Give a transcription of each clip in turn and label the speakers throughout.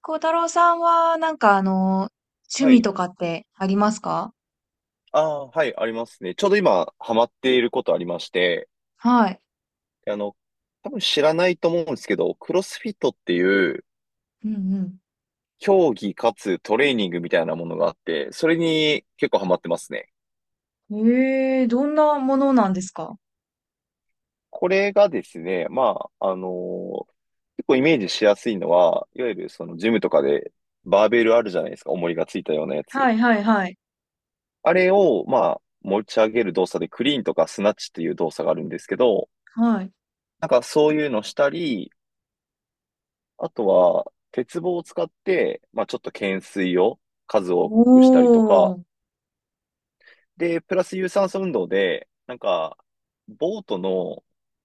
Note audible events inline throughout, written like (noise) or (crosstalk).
Speaker 1: 孝太郎さんは、趣
Speaker 2: は
Speaker 1: 味
Speaker 2: い。
Speaker 1: とかってありますか？
Speaker 2: ああ、はい、ありますね。ちょうど今、ハマっていることありまして、
Speaker 1: はい。
Speaker 2: あの、多分知らないと思うんですけど、クロスフィットっていう、
Speaker 1: うん
Speaker 2: 競技かつトレーニングみたいなものがあって、それに結構ハマってますね。
Speaker 1: うん。ええ、どんなものなんですか？
Speaker 2: これがですね、まあ、結構イメージしやすいのは、いわゆるそのジムとかで、バーベルあるじゃないですか、重りがついたようなやつ。
Speaker 1: はいはいはい。
Speaker 2: あれを、まあ、持ち上げる動作で、クリーンとかスナッチっていう動作があるんですけど、
Speaker 1: はい。
Speaker 2: なんかそういうのしたり、あとは、鉄棒を使って、まあ、ちょっと懸垂を数多くしたりと
Speaker 1: お
Speaker 2: か、
Speaker 1: ー。
Speaker 2: で、プラス有酸素運動で、なんか、ボートの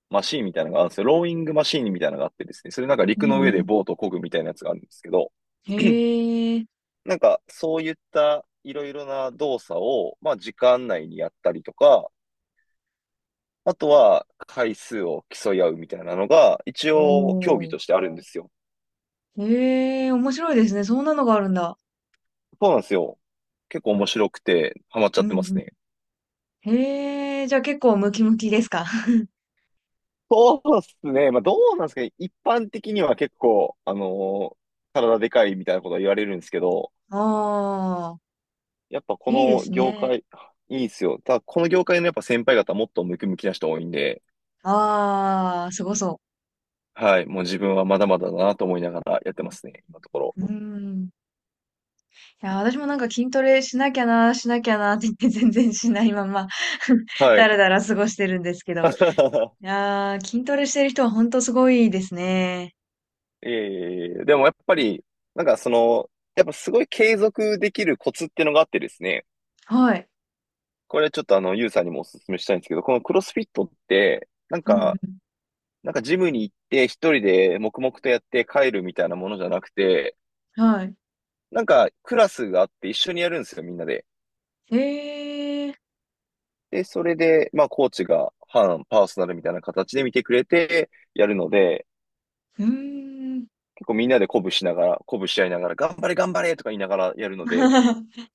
Speaker 2: マシーンみたいなのがあるんですよ。ローイングマシーンみたいなのがあってですね、それなんか
Speaker 1: う
Speaker 2: 陸の上
Speaker 1: ん
Speaker 2: で
Speaker 1: う
Speaker 2: ボートを漕ぐみたいなやつがあるんですけど、
Speaker 1: ん。
Speaker 2: (clears throat)
Speaker 1: へえ。
Speaker 2: なんか、そういったいろいろな動作を、まあ、時間内にやったりとか、あとは回数を競い合うみたいなのが、一
Speaker 1: お
Speaker 2: 応競技とし
Speaker 1: ー。
Speaker 2: てあるんですよ。
Speaker 1: へえ、面白いですね。そんなのがあるんだ。
Speaker 2: そうなんですよ。結構面白くて、ハマっちゃ
Speaker 1: う
Speaker 2: っ
Speaker 1: ん
Speaker 2: てます
Speaker 1: う
Speaker 2: ね。
Speaker 1: ん。へえ、じゃあ結構ムキムキですか？ (laughs)
Speaker 2: そうっすね。まあ、どうなんですかね。一般的には結構、体でかいみたいなことは言われるんですけど、
Speaker 1: ああ、
Speaker 2: やっぱこ
Speaker 1: いいで
Speaker 2: の
Speaker 1: す
Speaker 2: 業
Speaker 1: ね。
Speaker 2: 界、いいっすよ。ただ、この業界のやっぱ先輩方もっとムキムキな人多いんで、
Speaker 1: ああ、すごそ
Speaker 2: はい。もう自分はまだまだだなと思いながらやってますね、今のところ。
Speaker 1: う。うん。いや、私もなんか筋トレしなきゃな、しなきゃなって言って (laughs) 全然しないまま (laughs)
Speaker 2: は
Speaker 1: だ
Speaker 2: い。
Speaker 1: らだら過ごしてるんですけど。い
Speaker 2: (laughs)
Speaker 1: やー、筋トレしてる人は本当すごいですね。
Speaker 2: いえいえいえ。でもやっぱり、なんかその、やっぱすごい継続できるコツっていうのがあってですね、
Speaker 1: はい。
Speaker 2: これちょっとユウさんにもお勧めしたいんですけど、このクロスフィットって、なん
Speaker 1: うん
Speaker 2: か、なんかジムに行って一人で黙々とやって帰るみたいなものじゃなくて、
Speaker 1: うん。はい。
Speaker 2: なんかクラスがあって一緒にやるんですよ、みんなで。
Speaker 1: えー、
Speaker 2: で、それで、まあコーチが半パーソナルみたいな形で見てくれてやるので、
Speaker 1: うーん。
Speaker 2: 結構みんなで鼓舞しながら、鼓舞し合いながら、頑張れ頑張れとか言いながらやるので、
Speaker 1: (laughs)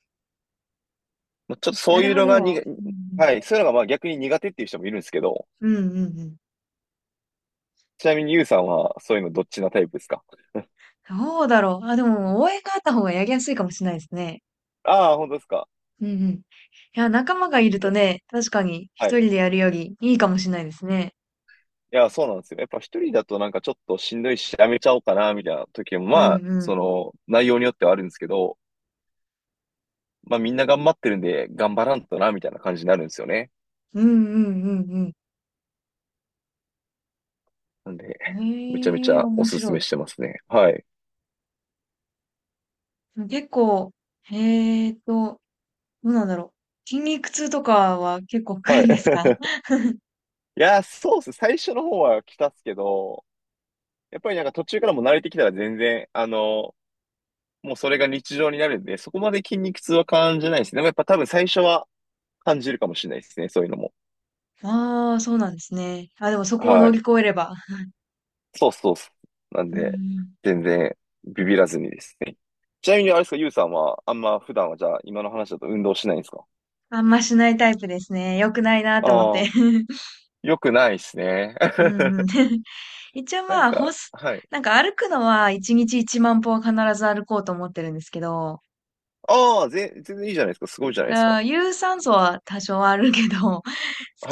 Speaker 2: まあちょっと
Speaker 1: な
Speaker 2: そう
Speaker 1: る
Speaker 2: いう
Speaker 1: ほ
Speaker 2: のがに
Speaker 1: ど。
Speaker 2: が、
Speaker 1: うん
Speaker 2: はい、そういうのがまあ逆に苦手っていう人もいるんですけど、
Speaker 1: うん。うんうんうん。
Speaker 2: ちなみにユウさんはそういうのどっちなタイプですか？
Speaker 1: どうだろう。あ、でも応援があった方がやりやすいかもしれないですね。
Speaker 2: (laughs) ああ、本当ですか？
Speaker 1: うんうん。いや、仲間がいる
Speaker 2: じ
Speaker 1: と
Speaker 2: ゃ、
Speaker 1: ね、確かに
Speaker 2: は
Speaker 1: 一
Speaker 2: い。
Speaker 1: 人でやるよりいいかもしれないですね。
Speaker 2: いや、そうなんですよね。やっぱ一人だとなんかちょっとしんどいし、やめちゃおうかな、みたいな時も、
Speaker 1: う
Speaker 2: まあ、
Speaker 1: んう
Speaker 2: そ
Speaker 1: ん。
Speaker 2: の、内容によってはあるんですけど、まあみんな頑張ってるんで、頑張らんとな、みたいな感じになるんですよね。
Speaker 1: うんうんうんうん。
Speaker 2: なんで、めちゃめち
Speaker 1: ええ、
Speaker 2: ゃお
Speaker 1: 面
Speaker 2: すす
Speaker 1: 白
Speaker 2: め
Speaker 1: い。
Speaker 2: してますね。はい。
Speaker 1: 結構、えーと、どうなんだろう。筋肉痛とかは結構来
Speaker 2: は
Speaker 1: る
Speaker 2: い。
Speaker 1: んですか？
Speaker 2: (laughs) いや、そうっす。最初の方は来たっすけど、やっぱりなんか途中からも慣れてきたら全然、あの、もうそれが日常になるんで、そこまで筋肉痛は感じないですね。でもやっぱ多分最初は感じるかもしれないですね。そういうのも。
Speaker 1: (laughs) ああ、そうなんですね。あ、でもそこを
Speaker 2: は
Speaker 1: 乗り
Speaker 2: い。
Speaker 1: 越えれば。
Speaker 2: そうそうそう。なん
Speaker 1: うんう
Speaker 2: で、
Speaker 1: ん。
Speaker 2: 全然ビビらずにですね。ちなみにあれですか、ゆうさんは、あんま普段はじゃあ、今の話だと運動しないんですか？
Speaker 1: あんましないタイプですね。良くないなと思っ
Speaker 2: あ
Speaker 1: て。
Speaker 2: あ、
Speaker 1: (laughs)
Speaker 2: よくないですね。
Speaker 1: うんうん。
Speaker 2: (laughs)
Speaker 1: (laughs) 一応
Speaker 2: な
Speaker 1: ま
Speaker 2: ん
Speaker 1: あ、ほ
Speaker 2: か、
Speaker 1: す、
Speaker 2: はい。
Speaker 1: なんか歩くのは1日1万歩は必ず歩こうと思ってるんですけど、
Speaker 2: ああ、全然いいじゃないですか。すごいじゃない
Speaker 1: だ
Speaker 2: で
Speaker 1: か
Speaker 2: すか。
Speaker 1: ら有酸素は多少はあるけど、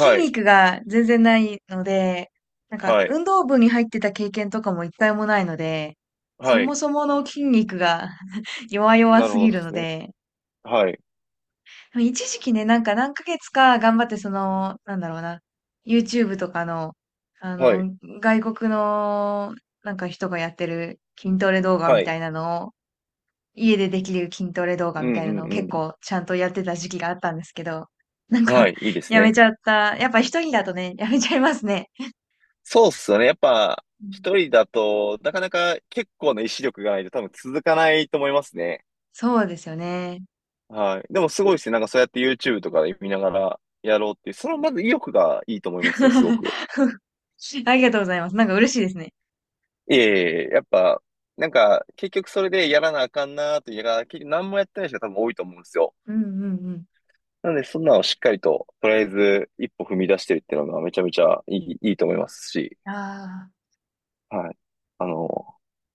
Speaker 1: 筋
Speaker 2: い、
Speaker 1: 肉が全然ないので、なんか
Speaker 2: はい、
Speaker 1: 運動部に入ってた経験とかも一回もないので、そ
Speaker 2: はい。
Speaker 1: もそもの筋肉が (laughs) 弱々
Speaker 2: なる
Speaker 1: す
Speaker 2: ほど
Speaker 1: ぎ
Speaker 2: で
Speaker 1: るの
Speaker 2: すね。
Speaker 1: で、
Speaker 2: はい、
Speaker 1: でも一時期ね、なんか何ヶ月か頑張ってその、なんだろうな、YouTube とかの、あ
Speaker 2: はい、
Speaker 1: の、外国のなんか人がやってる筋トレ動画
Speaker 2: は
Speaker 1: み
Speaker 2: い。
Speaker 1: たいなのを、家でできる筋トレ動画
Speaker 2: う
Speaker 1: み
Speaker 2: ん
Speaker 1: たいなのを
Speaker 2: う
Speaker 1: 結
Speaker 2: ん
Speaker 1: 構ちゃんとやってた時期があったんですけど、なん
Speaker 2: うん。は
Speaker 1: か
Speaker 2: い、いいで
Speaker 1: (laughs)、
Speaker 2: す
Speaker 1: やめち
Speaker 2: ね。
Speaker 1: ゃった。やっぱ一人だとね、やめちゃいますね。
Speaker 2: そうっすよね。やっぱ、
Speaker 1: うん、
Speaker 2: 一人だと、なかなか結構な意志力がないと多分続かないと思いますね。
Speaker 1: そうですよね。
Speaker 2: はい。でもすごいですね。なんかそうやって YouTube とかで見ながらやろうっていう、そのまず意欲がいいと思いますよ、すごく。
Speaker 1: (laughs) ありがとうございます。なんか嬉しいですね。
Speaker 2: いえいえ、やっぱ、なんか結局それでやらなあかんなーというか結局何もやってない人が多分多いと思うんですよ。
Speaker 1: うんうんうん。
Speaker 2: なので、そんなのをしっかりと、とりあえず一歩踏み出してるっていうのがめちゃめちゃいいと思いますし、
Speaker 1: ああ、
Speaker 2: はい。あの、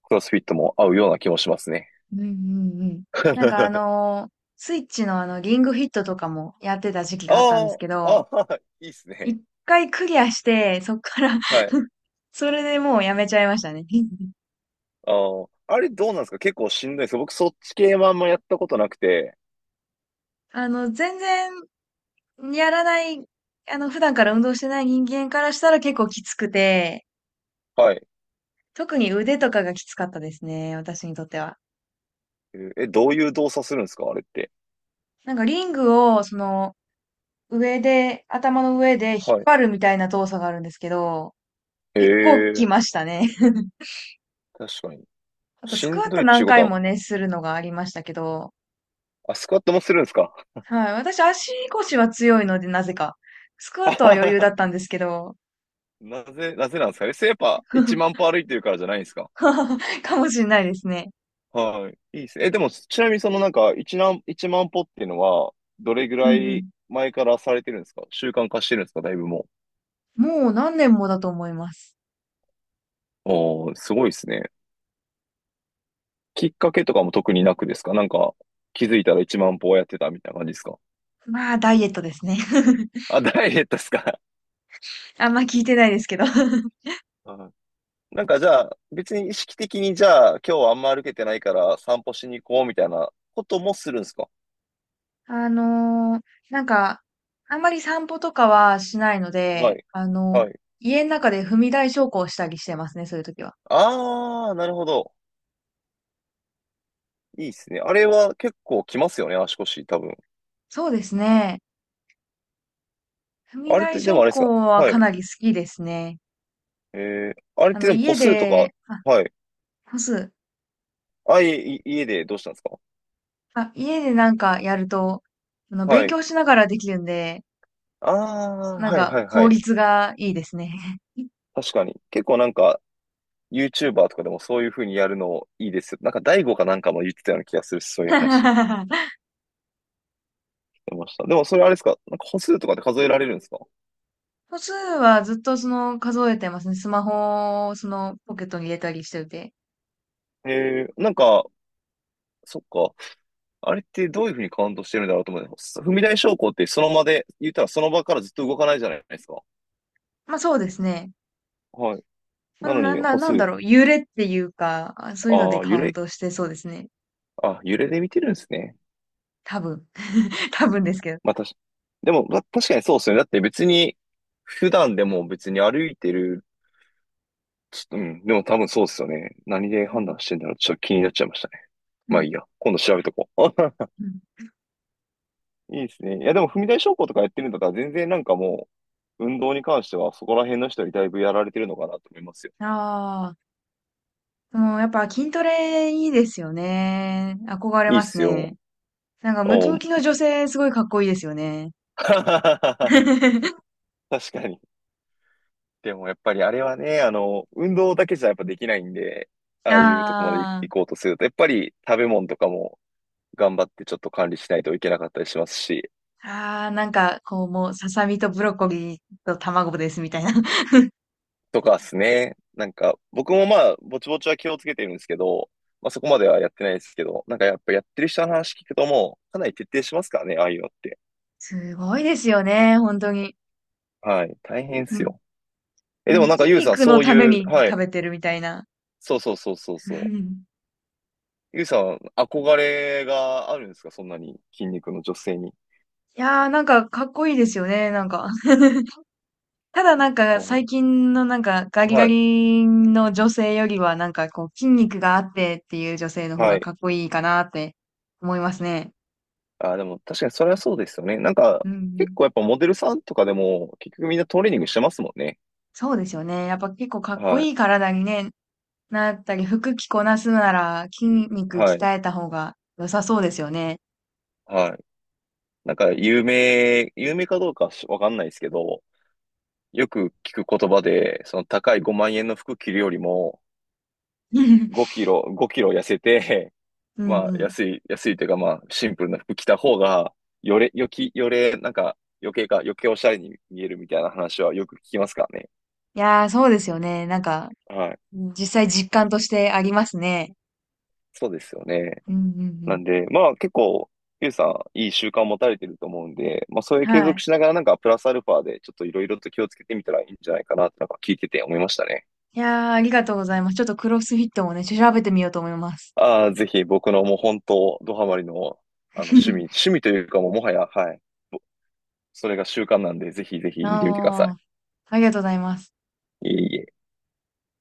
Speaker 2: クロスフィットも合うような気もしますね。
Speaker 1: うんうんうん。なんかあ
Speaker 2: (laughs)
Speaker 1: のースイッチのリングフィットとかもやってた時期
Speaker 2: あ
Speaker 1: があったんですけ
Speaker 2: あ、
Speaker 1: ど、
Speaker 2: ああ、いいっすね。
Speaker 1: 一回クリアして、そっから
Speaker 2: はい。
Speaker 1: (laughs) それでもうやめちゃいましたね。(laughs)
Speaker 2: ああ、あれどうなんですか？結構しんどいです？僕そっち系もあんまやったことなくて、
Speaker 1: あの、全然やらない、あの、普段から運動してない人間からしたら結構きつくて、
Speaker 2: はい。
Speaker 1: 特に腕とかがきつかったですね、私にとっては。
Speaker 2: えーえどういう動作するんですかあれって。
Speaker 1: なんかリングを、上で、頭の上で引っ
Speaker 2: はい。
Speaker 1: 張るみたいな動作があるんですけど、
Speaker 2: え
Speaker 1: 結構き
Speaker 2: え、
Speaker 1: ましたね。(laughs)
Speaker 2: 確かに。
Speaker 1: あと、ス
Speaker 2: し
Speaker 1: ク
Speaker 2: ん
Speaker 1: ワッ
Speaker 2: ど
Speaker 1: ト
Speaker 2: いっち
Speaker 1: 何
Speaker 2: ゅうこ
Speaker 1: 回も
Speaker 2: と
Speaker 1: ね、
Speaker 2: は、
Speaker 1: するのがありましたけど、
Speaker 2: あ、スクワットもするんですか？
Speaker 1: はい。私、足腰は強いので、なぜか。スクワ
Speaker 2: あ
Speaker 1: ットは
Speaker 2: は
Speaker 1: 余裕だ
Speaker 2: は
Speaker 1: っ
Speaker 2: (laughs)
Speaker 1: たんですけど、
Speaker 2: なぜ、なぜなんですかね。やっぱ1万歩
Speaker 1: (laughs)
Speaker 2: 歩いてるからじゃないんですか？
Speaker 1: かもしれないですね。
Speaker 2: はい。いいですね。え、でも、ちなみにそのなんか、1万、一万歩っていうのは、どれぐ
Speaker 1: う
Speaker 2: ら
Speaker 1: んう
Speaker 2: い
Speaker 1: ん。
Speaker 2: 前からされてるんですか？習慣化してるんですか？だいぶも
Speaker 1: もう何年もだと思います。
Speaker 2: う。おー、すごいですね。きっかけとかも特になくですか？なんか、気づいたら1万歩をやってたみたいな感じですか？
Speaker 1: まあ、ダイエットですね。(laughs)
Speaker 2: あ、ダイエットですか？
Speaker 1: あんま聞いてないですけど。
Speaker 2: はい (laughs) なんかじゃあ、別に意識的にじゃあ、今日はあんま歩けてないから散歩しに行こうみたいなこともするんですか？
Speaker 1: あのーなんか、あんまり散歩とかはしないの
Speaker 2: は
Speaker 1: で、
Speaker 2: い。はい。
Speaker 1: 家の中で踏み台昇降したりしてますね、そういう時は。
Speaker 2: あー、なるほど。いいっすね。あれは結構きますよね、足腰、多分。
Speaker 1: そうですね。踏み
Speaker 2: あれっ
Speaker 1: 台
Speaker 2: て、でもあ
Speaker 1: 昇
Speaker 2: れですか？
Speaker 1: 降は
Speaker 2: は
Speaker 1: か
Speaker 2: い。
Speaker 1: なり好きですね。
Speaker 2: えー、あれっ
Speaker 1: あ
Speaker 2: て
Speaker 1: の、
Speaker 2: でも
Speaker 1: 家
Speaker 2: 歩数とか、
Speaker 1: で、あ、
Speaker 2: はい。
Speaker 1: 干す。
Speaker 2: 家でどうしたんですか？
Speaker 1: あ、家でなんかやると、
Speaker 2: は
Speaker 1: 勉
Speaker 2: い。
Speaker 1: 強しながらできるんで、
Speaker 2: あー、
Speaker 1: なん
Speaker 2: はい
Speaker 1: か
Speaker 2: はいは
Speaker 1: 効
Speaker 2: い。
Speaker 1: 率がいいですね。
Speaker 2: 確かに。結構なんか、YouTuber とかでもそういう風にやるのいいですよ。なんか、大悟かなんかも言ってたような気がする、そういう話。
Speaker 1: (laughs)
Speaker 2: 出ました。でもそれあれですか？なんか歩数とかで数えられるんですか？
Speaker 1: 歩数はずっとその数えてますね。スマホをそのポケットに入れたりしてて。
Speaker 2: へえー、なんか、そっか。あれってどういうふうにカウントしてるんだろうと思う。踏み台昇降ってその場で、言ったらその場からずっと動かないじゃないですか。
Speaker 1: まあそうですね。
Speaker 2: はい。
Speaker 1: まあ、で
Speaker 2: な
Speaker 1: も
Speaker 2: の
Speaker 1: な、
Speaker 2: に
Speaker 1: な、
Speaker 2: 歩
Speaker 1: なんだ
Speaker 2: 数、
Speaker 1: ろう、揺れっていうか、あそういうので
Speaker 2: ああ、
Speaker 1: カ
Speaker 2: 揺
Speaker 1: ウン
Speaker 2: れ、
Speaker 1: トしてそうですね。
Speaker 2: あ、揺れで見てるんですね。
Speaker 1: 多分。(laughs) 多分ですけど。
Speaker 2: まあ、でも、確かにそうですよね。だって別に、普段でも別に歩いてる、ちょっと、うん、でも多分そうですよね。何
Speaker 1: う
Speaker 2: で判
Speaker 1: ん。
Speaker 2: 断してんだろう。ちょっと気になっちゃいましたね。
Speaker 1: う
Speaker 2: まあ
Speaker 1: ん。
Speaker 2: いいや。今度調べとこう。
Speaker 1: うん。
Speaker 2: いいですね。いや、でも、踏み台昇降とかやってるんだったら、全然なんかもう、運動に関しては、そこら辺の人にだいぶやられてるのかなと思いますよ。
Speaker 1: ああ、もうやっぱ筋トレいいですよね。憧れ
Speaker 2: いいっ
Speaker 1: ます
Speaker 2: すよ。
Speaker 1: ね。なんかムキ
Speaker 2: お
Speaker 1: ムキの女性すごいかっこいいですよね。
Speaker 2: (laughs) 確
Speaker 1: (laughs)
Speaker 2: かに。でも、やっぱりあれはね、あの、運動だけじゃやっぱできないんで、ああいうとこまで
Speaker 1: あ
Speaker 2: 行こうとすると、やっぱり食べ物とかも頑張ってちょっと管理しないといけなかったりしますし、
Speaker 1: あ、ああ、なんかこうもうささみとブロッコリーと卵ですみたいな。(laughs)
Speaker 2: とかですね。なんか、僕もまあ、ぼちぼちは気をつけてるんですけど、まあそこまではやってないですけど、なんかやっぱやってる人の話聞くともう、かなり徹底しますからね、ああいうのって。
Speaker 1: すごいですよね、本当に。
Speaker 2: はい。大変で
Speaker 1: う
Speaker 2: す
Speaker 1: ん
Speaker 2: よ。え、で
Speaker 1: も
Speaker 2: も
Speaker 1: う
Speaker 2: なんか
Speaker 1: 筋
Speaker 2: ゆうさん、
Speaker 1: 肉の
Speaker 2: そう
Speaker 1: ため
Speaker 2: いう、
Speaker 1: に
Speaker 2: はい。
Speaker 1: 食べてるみたいな。
Speaker 2: そうそうそうそう
Speaker 1: う
Speaker 2: そ
Speaker 1: ん
Speaker 2: う。ゆうさん、憧れがあるんですか？そんなに筋肉の女性に。
Speaker 1: いやー、なんかかっこいいですよね、なんか。(laughs) ただなんか
Speaker 2: う
Speaker 1: 最
Speaker 2: ん
Speaker 1: 近のなんかガリガ
Speaker 2: はい。
Speaker 1: リの女性よりはなんかこう筋肉があってっていう女性の方
Speaker 2: は
Speaker 1: が
Speaker 2: い。
Speaker 1: かっこいいかなって思いますね。
Speaker 2: あ、でも確かにそれはそうですよね。なんか、
Speaker 1: うんう
Speaker 2: 結
Speaker 1: ん。
Speaker 2: 構やっぱモデルさんとかでも、結局みんなトレーニングしてますもんね。
Speaker 1: そうですよね。やっぱ結構かっこ
Speaker 2: はい。
Speaker 1: いい体にね、なったり服着こなすなら筋肉
Speaker 2: はい。
Speaker 1: 鍛えた方が良さそうですよね。
Speaker 2: はい。なんか有名かどうかしわかんないですけど、よく聞く言葉で、その高い5万円の服着るよりも、
Speaker 1: (laughs) うん
Speaker 2: 5キロ痩せて、(laughs)
Speaker 1: う
Speaker 2: まあ
Speaker 1: ん。
Speaker 2: 安いというかまあシンプルな服着た方が、よれ、よき、よれ、なんか余計おしゃれに見えるみたいな話はよく聞きますからね。
Speaker 1: いやー、そうですよね。なんか
Speaker 2: はい。
Speaker 1: 実際実感としてありますね。
Speaker 2: そうですよね。
Speaker 1: うんうんう
Speaker 2: な
Speaker 1: ん。
Speaker 2: んで、まあ結構、ゆうさん、いい習慣を持たれてると思うんで、まあそういう継
Speaker 1: は
Speaker 2: 続
Speaker 1: い。
Speaker 2: しながらなんかプラスアルファでちょっといろいろと気をつけてみたらいいんじゃないかなってなんか聞いてて思いましたね。
Speaker 1: いやー、ありがとうございます。ちょっとクロスフィットもね、調べてみようと思います。
Speaker 2: ああ、ぜひ僕のもう本当、ドハマりの、あの、趣
Speaker 1: (laughs)
Speaker 2: 味というかもうもはや、はい。ぼそれが習慣なんで、ぜひぜひ見てみてください。
Speaker 1: ああ、ありがとうございます。
Speaker 2: いえいえ。